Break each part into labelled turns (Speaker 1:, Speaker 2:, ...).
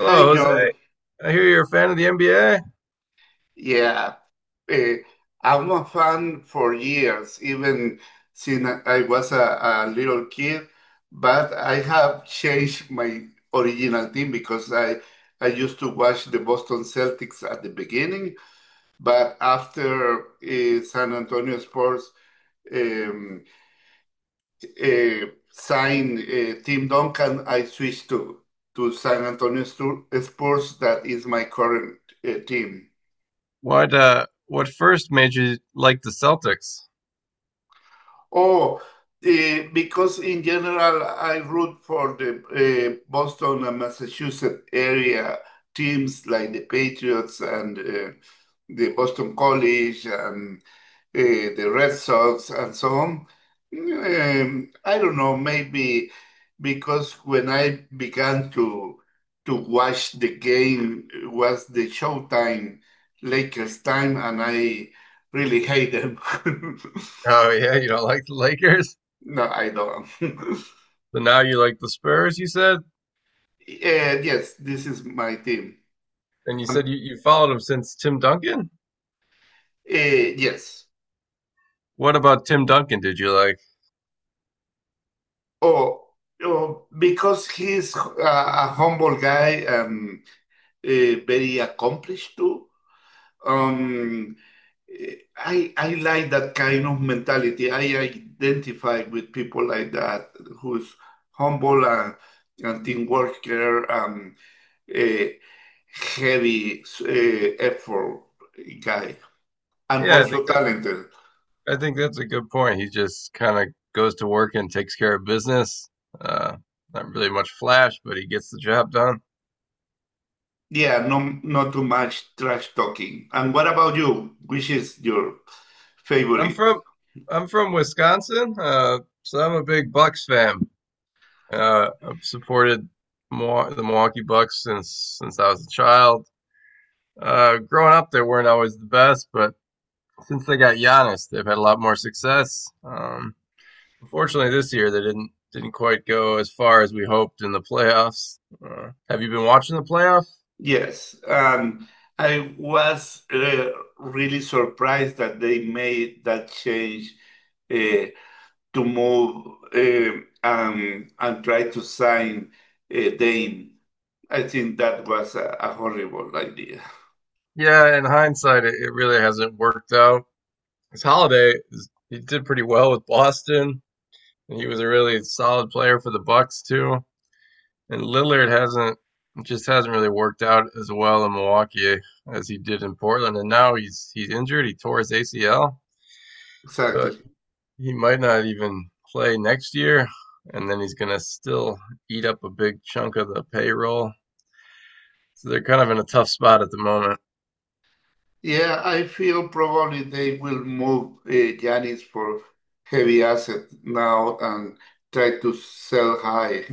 Speaker 1: Hi,
Speaker 2: Jose.
Speaker 1: John.
Speaker 2: I hear you're a fan of the NBA.
Speaker 1: Yeah, eh, I'm a fan for years, even since I was a little kid. But I have changed my original team because I used to watch the Boston Celtics at the beginning, but after San Antonio Spurs um, eh, signed Tim Duncan, I switched to San Antonio Spurs. That is my current team.
Speaker 2: What first made you like the Celtics?
Speaker 1: Oh, because in general, I root for the Boston and Massachusetts area teams like the Patriots and the Boston College and uh, the Red Sox and so on. I don't know, maybe because when I began to watch the game it was the Showtime Lakers time, and I really hate them.
Speaker 2: Oh yeah, you don't like the Lakers?
Speaker 1: No, I don't.
Speaker 2: But now you like the Spurs, you said?
Speaker 1: Yes, this is my team.
Speaker 2: And you said
Speaker 1: Um,
Speaker 2: you followed them since Tim Duncan?
Speaker 1: yes.
Speaker 2: What about Tim Duncan did you like?
Speaker 1: Oh, oh, because he's a humble guy and very accomplished too. Um, I like that kind of mentality. I identify with people like that who's humble and team worker and a heavy effort guy and
Speaker 2: Yeah,
Speaker 1: also talented.
Speaker 2: I think that's a good point. He just kind of goes to work and takes care of business. Uh Not really much flash, but he gets the job done.
Speaker 1: Yeah, no, not too much trash talking. And what about you? Which is your
Speaker 2: I'm
Speaker 1: favorite?
Speaker 2: from I'm from Wisconsin, so I'm a big Bucks fan. I've supported the Milwaukee Bucks since I was a child. Growing up, they weren't always the best, but since they got Giannis, they've had a lot more success. Unfortunately, this year they didn't quite go as far as we hoped in the playoffs. Have you been watching the playoffs?
Speaker 1: Yes, and I was really surprised that they made that change uh, to move and try to sign Dane. I think that was a horrible idea.
Speaker 2: Yeah, in hindsight, it really hasn't worked out. His Holiday, he did pretty well with Boston, and he was a really solid player for the Bucks too. And Lillard hasn't just hasn't really worked out as well in Milwaukee as he did in Portland. And now he's injured. He tore his ACL, so
Speaker 1: Exactly.
Speaker 2: he might not even play next year. And then he's gonna still eat up a big chunk of the payroll. So they're kind of in a tough spot at the moment.
Speaker 1: Yeah, I feel probably they will move Giannis for heavy asset now and try to sell high.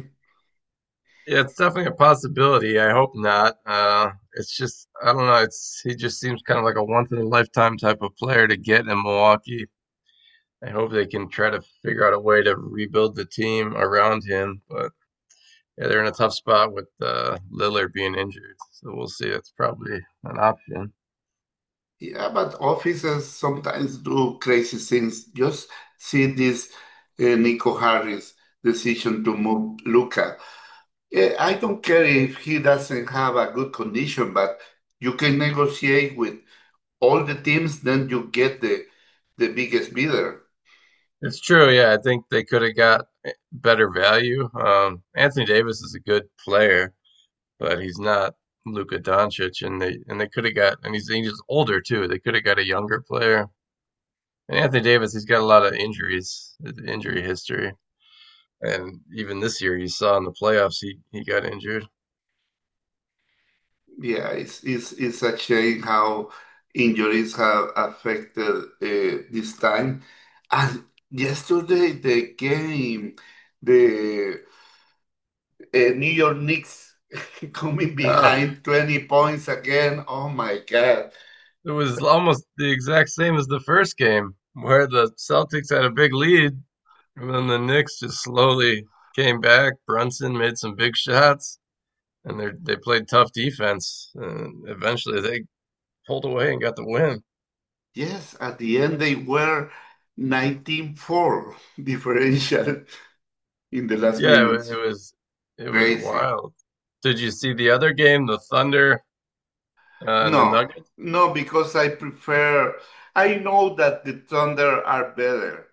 Speaker 2: Yeah, it's definitely a possibility. I hope not. It's just I don't know. It's he just seems kind of like a once in a lifetime type of player to get in Milwaukee. I hope they can try to figure out a way to rebuild the team around him. But yeah, they're in a tough spot with Lillard being injured, so we'll see. That's probably an option.
Speaker 1: Yeah, but officers sometimes do crazy things. Just see this Nico Harris decision to move Luca. I don't care if he doesn't have a good condition, but you can negotiate with all the teams, then you get the biggest bidder.
Speaker 2: It's true. Yeah, I think they could have got better value. Anthony Davis is a good player, but he's not Luka Doncic, and they could have got and he's older too. They could have got a younger player. And Anthony Davis, he's got a lot of injuries, injury history, and even this year you saw in the playoffs he got injured.
Speaker 1: Yeah, it's a shame how injuries have affected this time. And yesterday, the game, the New York Knicks coming
Speaker 2: Uh,
Speaker 1: behind 20 points again. Oh my God.
Speaker 2: It was almost the exact same as the first game, where the Celtics had a big lead, and then the Knicks just slowly came back. Brunson made some big shots, and they played tough defense, and eventually they pulled away and got the win.
Speaker 1: Yes, at the end, they were 19-4 differential in the last
Speaker 2: Yeah, it, wa-
Speaker 1: minutes.
Speaker 2: it was it was
Speaker 1: Crazy.
Speaker 2: wild. Did you see the other game, the Thunder and the
Speaker 1: No,
Speaker 2: Nuggets?
Speaker 1: no, because I know that the Thunder are better.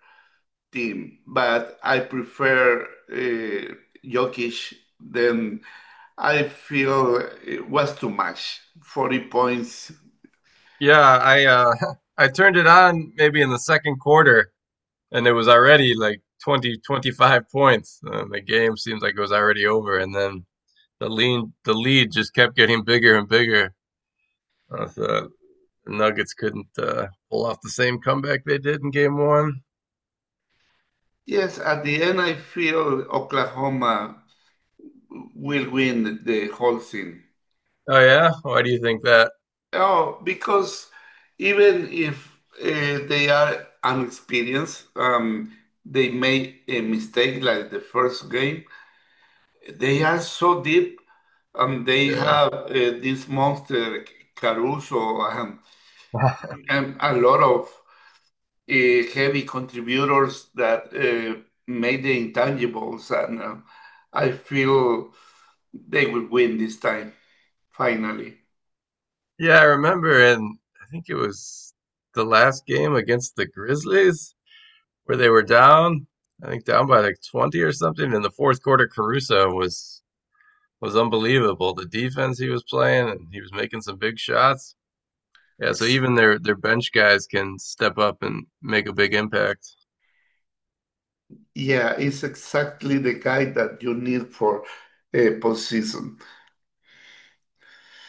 Speaker 1: Team, but I prefer uh, Jokic. Then I feel it was too much. 40 points.
Speaker 2: Yeah, I I turned it on maybe in the second quarter, and it was already like 20-25 points and the game seems like it was already over and then the lead just kept getting bigger and bigger, so the nuggets couldn't pull off the same comeback they did in game one.
Speaker 1: Yes, at the end, I feel Oklahoma will win the whole thing.
Speaker 2: Oh yeah, why do you think that?
Speaker 1: Oh, because even if they are inexperienced, they made a mistake like the first game. They are so deep, and they
Speaker 2: Yeah.
Speaker 1: have this monster Caruso and a lot of heavy contributors that made the intangibles, and I feel they will win this time, finally.
Speaker 2: Yeah, I remember, and I think it was the last game against the Grizzlies where they were down, I think down by like 20 or something in the fourth quarter. Caruso was unbelievable. The defense he was playing, and he was making some big shots. Yeah, so
Speaker 1: It's-
Speaker 2: even their bench guys can step up and make a big impact.
Speaker 1: yeah, it's exactly the guy that you need for a postseason.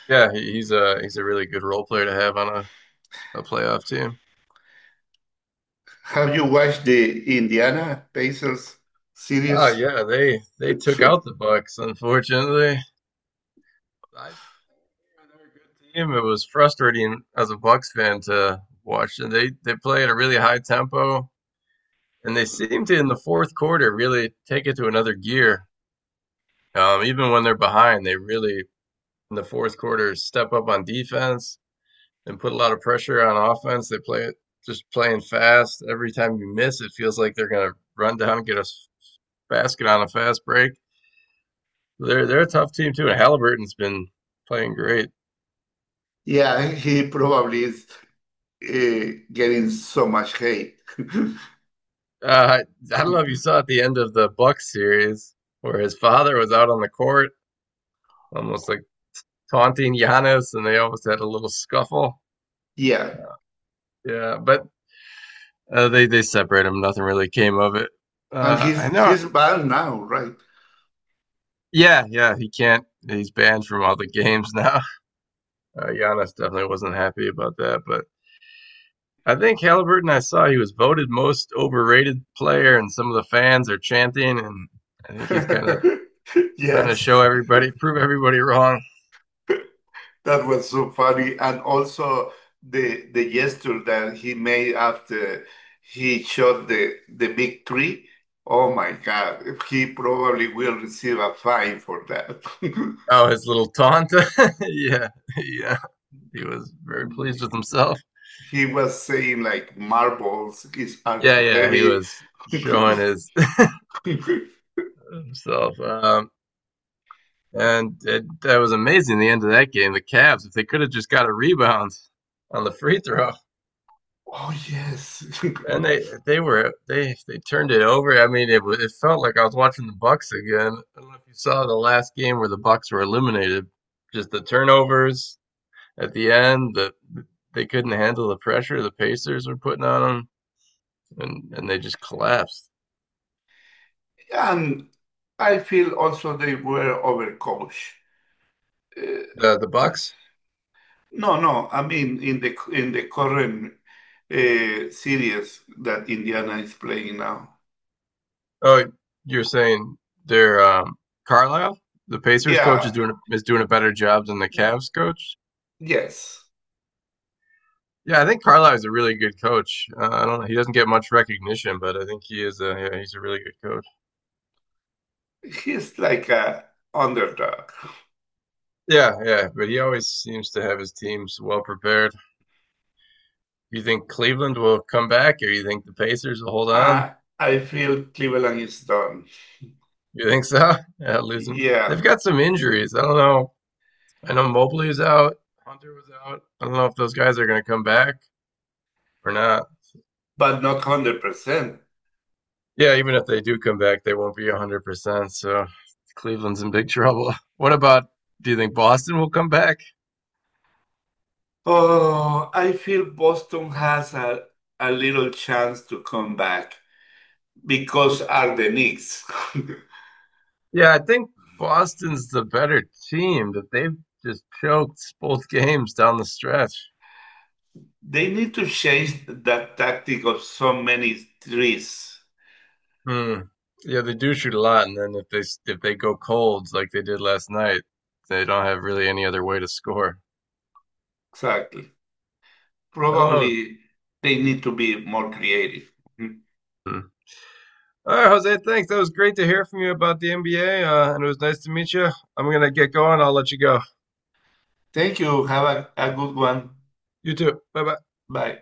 Speaker 2: Yeah, he's a really good role player to have on a playoff team.
Speaker 1: Have you watched the Indiana Pacers
Speaker 2: Oh
Speaker 1: series?
Speaker 2: yeah, they took out the Bucks. Unfortunately, I they're a good team. It was frustrating as a Bucks fan to watch. And they play at a really high tempo, and they seem to in the fourth quarter really take it to another gear. Even when they're behind, they really in the fourth quarter step up on defense and put a lot of pressure on offense. They play just playing fast. Every time you miss, it feels like they're going to run down and get a basket on a fast break. They're a tough team too, and Halliburton's been playing great.
Speaker 1: Yeah, he probably is. uh, Getting so much hate.
Speaker 2: Uh, I don't know if you saw at the end of the Bucks series where his father was out on the court, almost like taunting Giannis, and they almost had a little scuffle.
Speaker 1: Yeah,
Speaker 2: Yeah, but they separate him. Nothing really came of it.
Speaker 1: and
Speaker 2: I
Speaker 1: he's
Speaker 2: know.
Speaker 1: he's banned now, right?
Speaker 2: Yeah, yeah, he can't. He's banned from all the games now. Giannis definitely wasn't happy about that, but I think Halliburton. I saw he was voted most overrated player, and some of the fans are chanting, and I think he's kind of trying to
Speaker 1: Yes,
Speaker 2: show everybody, prove everybody wrong.
Speaker 1: that was so funny, and also the gesture that he made after he shot the big tree. Oh my God, he probably will receive a fine for that.
Speaker 2: Oh, his little taunt. Yeah, yeah, he was very pleased with himself.
Speaker 1: He was saying like marbles is are
Speaker 2: Yeah,
Speaker 1: too
Speaker 2: yeah, he
Speaker 1: heavy.
Speaker 2: was showing his himself. And that was amazing. The end of that game, the Cavs, if they could have just got a rebound on the free throw.
Speaker 1: Oh yes.
Speaker 2: And they were they turned it over. I mean, it felt like I was watching the Bucks again. I don't know if you saw the last game where the Bucks were eliminated. Just the turnovers at the end, they couldn't handle the pressure the Pacers were putting on them, and they just collapsed.
Speaker 1: And I feel also they were overcoached. Uh,
Speaker 2: The Bucks?
Speaker 1: no, no, I mean in the current series that Indiana is playing now.
Speaker 2: Oh, you're saying they're Carlisle? The Pacers coach is
Speaker 1: Yeah,
Speaker 2: doing a- is doing a better job than the
Speaker 1: y-
Speaker 2: Cavs coach?
Speaker 1: yes,
Speaker 2: Yeah, I think Carlisle is a really good coach. I don't know. He doesn't get much recognition, but I think he is a yeah, he's a really good coach.
Speaker 1: he's like a underdog.
Speaker 2: Yeah, yeah, but he always seems to have his teams well prepared. You think Cleveland will come back, or you think the Pacers will hold on?
Speaker 1: Uh, I feel Cleveland is done.
Speaker 2: You think so? Yeah, losing. They've
Speaker 1: Yeah,
Speaker 2: got some injuries. I don't know. I know Mobley is out. Hunter was out. I don't know if those guys are going to come back or not.
Speaker 1: but not 100%.
Speaker 2: Yeah, even if they do come back, they won't be 100%. So Cleveland's in big trouble. What about, do you think Boston will come back?
Speaker 1: Oh, I feel Boston has a little chance to come back because are the Knicks.
Speaker 2: Yeah, I think Boston's the better team, but they've just choked both games down the stretch.
Speaker 1: They need to change that tactic of so many trees.
Speaker 2: Hmm. Yeah, they do shoot a lot, and then if they go cold like they did last night, they don't have really any other way to score.
Speaker 1: Exactly.
Speaker 2: I don't know. If,
Speaker 1: Probably they need to be more creative. Mhm.
Speaker 2: hmm. All right, Jose, thanks. That was great to hear from you about the NBA, and it was nice to meet you. I'm gonna get going. I'll let you go.
Speaker 1: Thank you. Have a good one.
Speaker 2: You too. Bye bye.
Speaker 1: Bye.